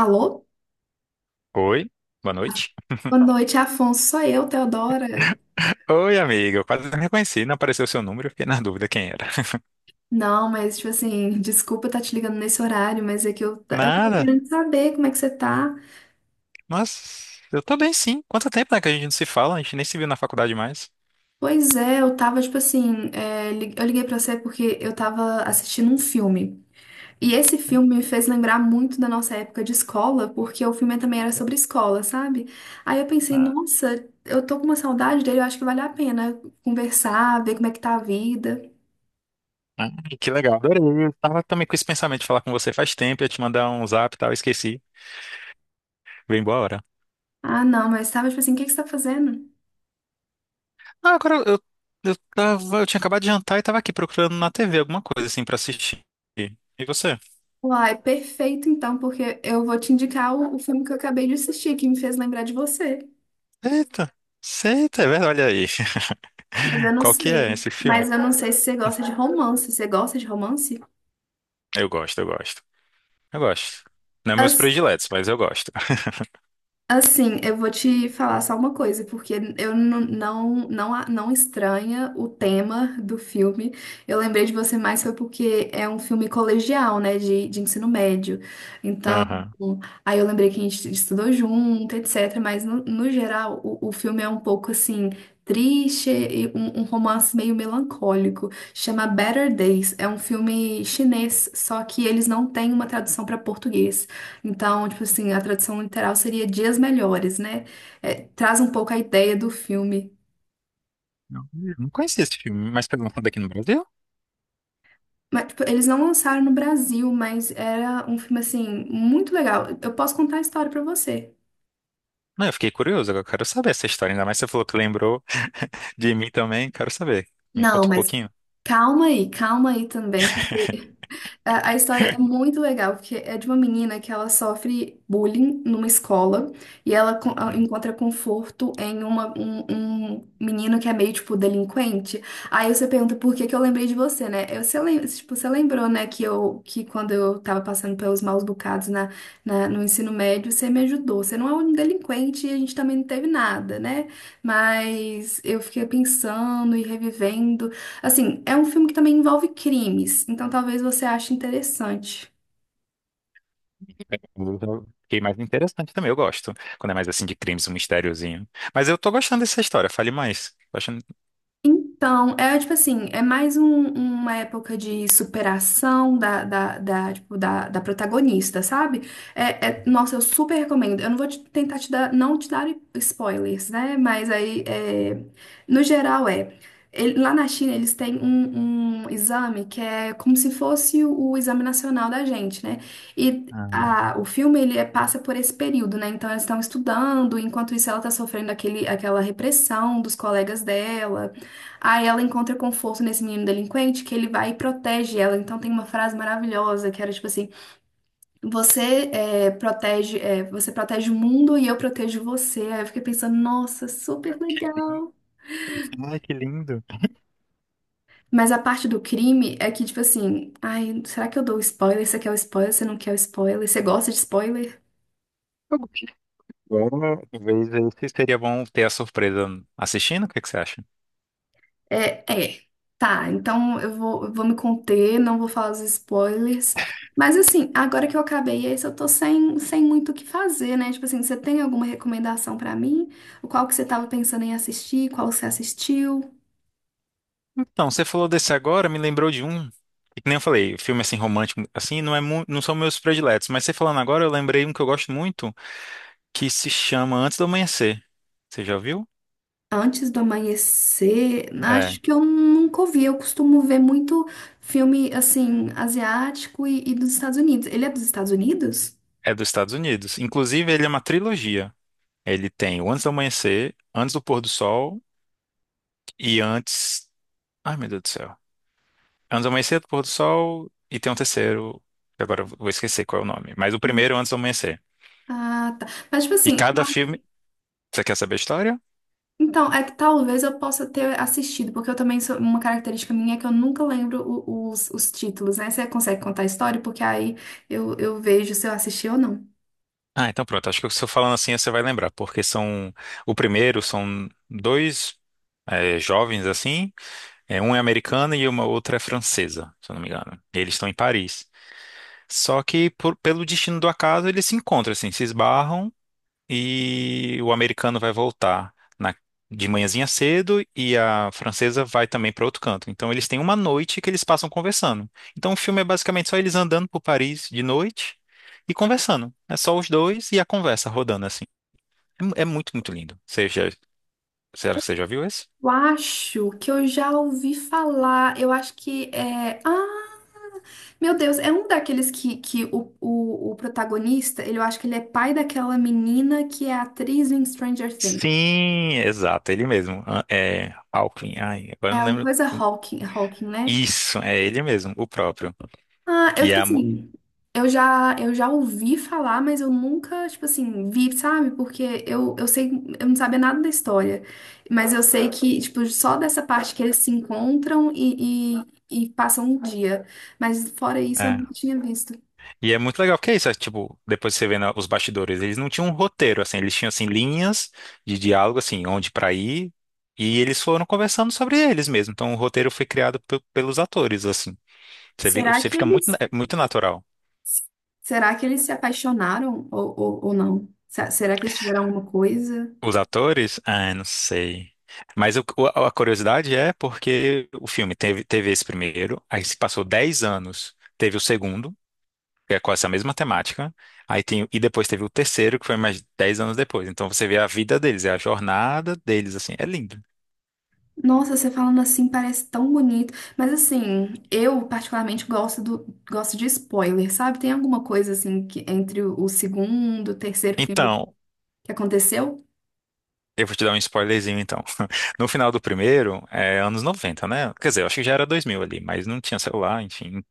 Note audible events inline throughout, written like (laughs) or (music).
Alô? Oi, boa noite. Boa noite, Afonso. Sou eu, Teodora. Oi, amiga, eu quase não reconheci, não apareceu o seu número, eu fiquei na dúvida quem era. (laughs) Não, mas, tipo assim, (laughs) desculpa estar te ligando nesse horário, mas é que eu tô Nada, querendo saber como é que você tá. mas eu tô bem sim. Quanto tempo, né, que a gente não se fala, a gente nem se viu na faculdade mais. Pois é, eu tava, tipo assim, eu liguei pra você porque eu tava assistindo um filme. E esse filme me fez lembrar muito da nossa época de escola, porque o filme também era sobre escola, sabe? Aí eu pensei, Ah, nossa, eu tô com uma saudade dele, eu acho que vale a pena conversar, ver como é que tá a vida. (laughs) ah, que legal, adorei. Eu tava também com esse pensamento de falar com você faz tempo, ia te mandar um zap e tal, eu esqueci. Bem boa hora. Ah, não, mas tava, tipo assim, o que que você tá fazendo? Ah, eu tava, eu tinha acabado de jantar e tava aqui procurando na TV alguma coisa assim pra assistir. E você? Uai, perfeito então, porque eu vou te indicar o filme que eu acabei de assistir, que me fez lembrar de você. Eita, eita, é verdade, olha aí. Mas eu (laughs) não Qual que é sei. esse filme? Mas eu não sei se você gosta de romance. Você gosta de romance? Eu gosto. Eu gosto. Não é meus prediletos, mas eu gosto. Assim, eu vou te falar só uma coisa, porque eu não estranha o tema do filme. Eu lembrei de você mais foi porque é um filme colegial, né, de ensino médio. Então, Aham. aí eu lembrei que a gente estudou junto, etc. Mas, no geral, o filme é um pouco assim. Triste e um romance meio melancólico. Chama Better Days. É um filme chinês, só que eles não têm uma tradução para português. Então, tipo assim, a tradução literal seria Dias Melhores, né? É, traz um pouco a ideia do filme. Não, eu não conhecia esse filme, mas foi lançado daqui no Brasil? Mas, tipo, eles não lançaram no Brasil, mas era um filme, assim, muito legal. Eu posso contar a história pra você. Não, eu fiquei curioso, agora eu quero saber essa história. Ainda mais você falou que lembrou de mim também, quero saber. Me conta Não, um mas pouquinho. Calma aí também. A história é muito legal, porque é de uma menina que ela sofre bullying numa escola e ela Hum. encontra conforto em um menino que é meio, tipo, delinquente. Aí você pergunta por que que eu lembrei de você, né? Tipo, você lembrou, né, que eu que quando eu tava passando pelos maus bocados no ensino médio, você me ajudou. Você não é um delinquente e a gente também não teve nada, né? Mas eu fiquei pensando e revivendo. Assim, é um filme que também envolve crimes, então talvez você ache interessante. Eu fiquei mais interessante também, eu gosto. Quando é mais assim de crimes, um mistériozinho. Mas eu tô gostando dessa história, fale mais. Tô achando... Então, é tipo assim, é mais uma época de superação da protagonista, sabe? Nossa, eu super recomendo. Eu não vou tentar te dar, não te dar spoilers, né? Mas aí, é, no geral, é. Lá na China, eles têm um exame que é como se fosse o exame nacional da gente, né? E Ah. o filme, ele passa por esse período, né? Então, eles estão estudando, enquanto isso, ela tá sofrendo aquela repressão dos colegas dela. Aí ela encontra conforto nesse menino delinquente que ele vai e protege ela. Então tem uma frase maravilhosa que era tipo assim: você protege o mundo e eu protejo você. Aí eu fiquei pensando, nossa, super legal. Ai, que lindo. Mas a parte do crime é que, tipo assim, ai, será que eu dou spoiler? Você quer o spoiler? Você não quer o spoiler? Você gosta de spoiler? Eu gostei. Agora, talvez esse seria bom ter a surpresa assistindo, o que que você acha? É, é. Tá, então eu vou me conter, não vou falar os spoilers. Mas assim, agora que eu acabei esse, eu tô sem muito o que fazer, né? Tipo assim, você tem alguma recomendação pra mim? O Qual que você tava pensando em assistir? Qual você assistiu? Então, você falou desse agora, me lembrou de um. E que nem eu falei, filme assim romântico, assim, não são meus prediletos, mas você falando agora, eu lembrei um que eu gosto muito, que se chama Antes do Amanhecer. Você já viu? Antes do amanhecer? Acho É, que eu nunca ouvi. Eu costumo ver muito filme, assim, asiático e dos Estados Unidos. Ele é dos Estados Unidos? é dos Estados Unidos. Inclusive, ele é uma trilogia. Ele tem o Antes do Amanhecer, Antes do Pôr do Sol e Antes. Ai, meu Deus do céu. Antes do Amanhecer, do Pôr do Sol e tem um terceiro, que agora eu vou esquecer qual é o nome, mas o primeiro é Antes do Amanhecer. Ah, tá. Mas, tipo E assim, cada filme. Você quer saber a história? então, é que talvez eu possa ter assistido, porque eu também sou uma característica minha é que eu nunca lembro os títulos, né? Você consegue contar a história? Porque aí eu vejo se eu assisti ou não. Ah, então pronto. Acho que se eu falando assim, você vai lembrar, porque são o primeiro são dois jovens assim, é americano e uma outra é francesa, se eu não me engano. Eles estão em Paris. Só que pelo destino do acaso eles se encontram assim, se esbarram e o americano vai voltar de manhãzinha cedo e a francesa vai também para outro canto. Então eles têm uma noite que eles passam conversando. Então o filme é basicamente só eles andando por Paris de noite e conversando. É só os dois e a conversa rodando assim. É muito, muito lindo. Será que você já viu esse? Eu acho que eu já ouvi falar. Eu acho que é. Ah, meu Deus, é um daqueles que o protagonista, ele, eu acho que ele é pai daquela menina que é atriz em Stranger Things. Sim, exato, ele mesmo. Ah, é Alckmin. Ai, agora É eu não alguma lembro. coisa Hawking, né? Isso, é ele mesmo, o próprio. Ah, eu, E tipo a, mu- assim, eu já ouvi falar, mas eu nunca, tipo assim, vi, sabe? Porque eu sei, eu não sabia nada da história. Mas eu sei que, tipo, só dessa parte que eles se encontram e passam um dia. Mas fora isso, eu nunca tinha visto. E é muito legal, porque é isso, é, tipo, depois você vendo os bastidores, eles não tinham um roteiro, assim, eles tinham, assim, linhas de diálogo, assim, onde pra ir, e eles foram conversando sobre eles mesmo, então o roteiro foi criado pelos atores, assim, Será você que fica muito, eles, é muito natural. será que eles se apaixonaram ou não? Será que eles tiveram alguma coisa? Os atores, ah, não sei, mas a curiosidade é porque o filme teve esse primeiro, aí se passou 10 anos, teve o segundo, que é com essa mesma temática. Aí tem, e depois teve o terceiro, que foi mais 10 anos depois. Então você vê a vida deles, é a jornada deles, assim, é lindo. Nossa, você falando assim parece tão bonito. Mas assim, eu particularmente gosto do, gosto de spoiler, sabe? Tem alguma coisa assim que entre o segundo, o terceiro filme Então, que aconteceu? eu vou te dar um spoilerzinho, então. (laughs) No final do primeiro, é anos 90, né? Quer dizer, eu acho que já era 2000 ali, mas não tinha celular, enfim,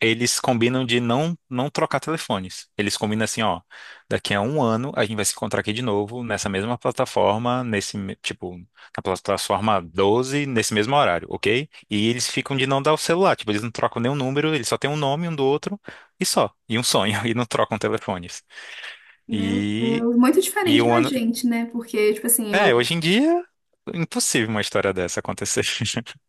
eles combinam de não trocar telefones. Eles combinam assim, ó, daqui a um ano a gente vai se encontrar aqui de novo nessa mesma plataforma, nesse me- tipo na plataforma 12 nesse mesmo horário, ok? E eles ficam de não dar o celular, tipo eles não trocam nenhum número, eles só têm um nome um do outro e um sonho (laughs) e não trocam telefones. Meu E Deus, muito e diferente um da ano, gente, né? Porque, tipo assim, eu. Hoje em dia impossível uma história dessa acontecer. (laughs)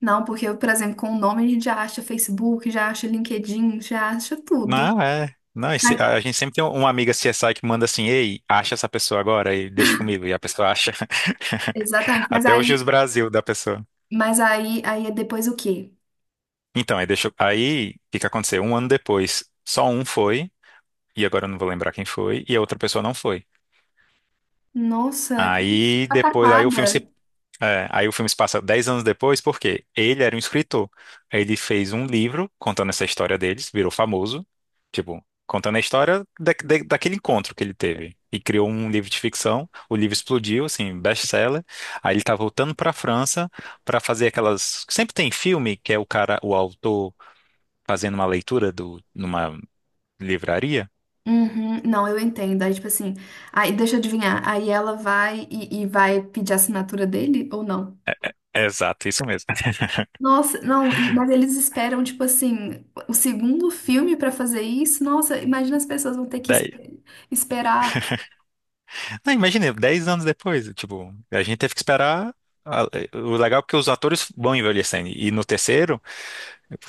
Não, porque eu, por exemplo, com o nome a gente já acha Facebook, já acha LinkedIn, já acha tudo. Não, é. Não, Mas- a gente sempre tem uma amiga CSI que manda assim, ei, acha essa pessoa agora e deixa comigo. E a pessoa acha. exatamente. (laughs) Até hoje os Brasil da pessoa. Mas aí, aí é depois o quê? Então, aí o que que aconteceu? Um ano depois, só um foi, e agora eu não vou lembrar quem foi, e a outra pessoa não foi. Nossa, que Aí depois, aí o filme pataquada. se É, aí o filme se passa 10 anos depois, porque ele era um escritor. Ele fez um livro contando essa história deles, virou famoso, tipo, contando a história daquele encontro que ele teve. E criou um livro de ficção, o livro explodiu, assim, best-seller. Aí ele tá voltando pra França pra fazer aquelas. Sempre tem filme que é o cara, o autor, fazendo uma leitura do, numa livraria. Uhum, não, eu entendo. Aí, tipo assim, aí deixa eu adivinhar. Aí ela vai e vai pedir a assinatura dele ou não? Exato, isso mesmo. Nossa, não, mas eles esperam, tipo assim, o segundo filme pra fazer isso. Nossa, imagina as pessoas vão ter que (laughs) esperar. Não, imagina, 10 anos depois, tipo, a gente teve que esperar. a- O legal é que os atores vão envelhecendo. E no terceiro,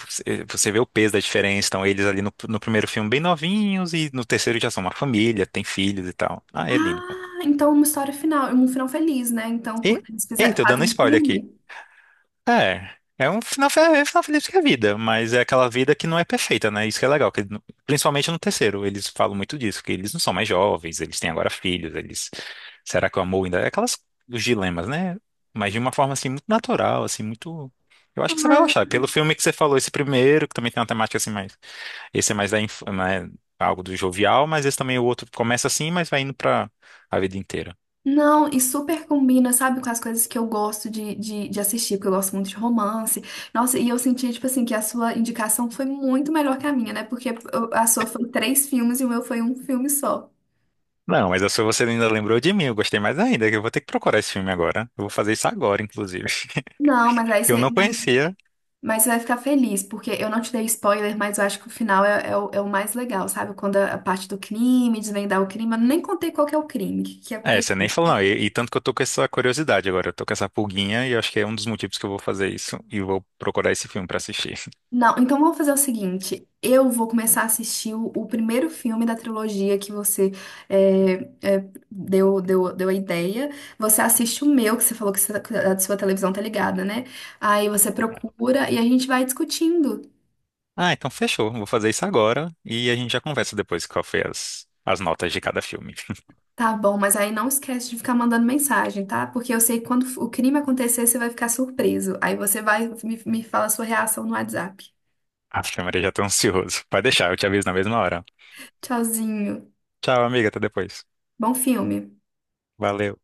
você vê o peso da diferença. Então, eles ali no primeiro filme bem novinhos, e no terceiro já são uma família, tem filhos e tal. Ah, é lindo. Pô. Ah, então uma história final, um final feliz, né? Então, E, porque eles fizeram, eita, eu dando fazem um spoiler aqui. filme. É um final, é um final feliz que é a vida, mas é aquela vida que não é perfeita, né? Isso que é legal, que, principalmente no terceiro, eles falam muito disso, que eles não são mais jovens, eles têm agora filhos, eles... Será que o amor ainda... É aquelas, os dilemas, né? Mas de uma forma, assim, muito natural, assim, muito... Eu acho que você vai gostar, pelo filme que você falou, esse primeiro, que também tem uma temática, assim, mais... Esse é mais da inf... né? Algo do jovial, mas esse também, o outro começa assim, mas vai indo pra a vida inteira. Não, e super combina, sabe, com as coisas que eu gosto de assistir, porque eu gosto muito de romance. Nossa, e eu senti, tipo assim, que a sua indicação foi muito melhor que a minha, né? Porque a sua foi 3 filmes e o meu foi um filme só. Não, mas se você ainda lembrou de mim, eu gostei mais ainda, que eu vou ter que procurar esse filme agora. Eu vou fazer isso agora, inclusive. Não, mas (laughs) aí Que eu você, não conhecia. mas você vai ficar feliz, porque eu não te dei spoiler, mas eu acho que o final é, é é o mais legal, sabe? Quando a parte do crime, desvendar o crime, eu nem contei qual que é o crime, o que que É, você aconteceu. nem falou, não. E tanto que eu tô com essa curiosidade agora, eu tô com essa pulguinha e eu acho que é um dos motivos que eu vou fazer isso e vou procurar esse filme pra assistir. Não, então vamos fazer o seguinte: eu vou começar a assistir o primeiro filme da trilogia que você é, é, deu a ideia. Você assiste o meu, que você falou que, que a sua televisão tá ligada, né? Aí você (laughs) procura e a gente vai discutindo, Ah, então fechou. Vou fazer isso agora e a gente já conversa depois qual foi as, as notas de cada filme. (laughs) tá bom? Mas aí não esquece de ficar mandando mensagem, tá? Porque eu sei que quando o crime acontecer, você vai ficar surpreso. Aí você vai me fala a sua reação no WhatsApp. Acho que a Maria já tá ansioso. Pode deixar, eu te aviso na mesma hora. Tchauzinho. Tchau, amiga, até depois. Bom filme. Valeu.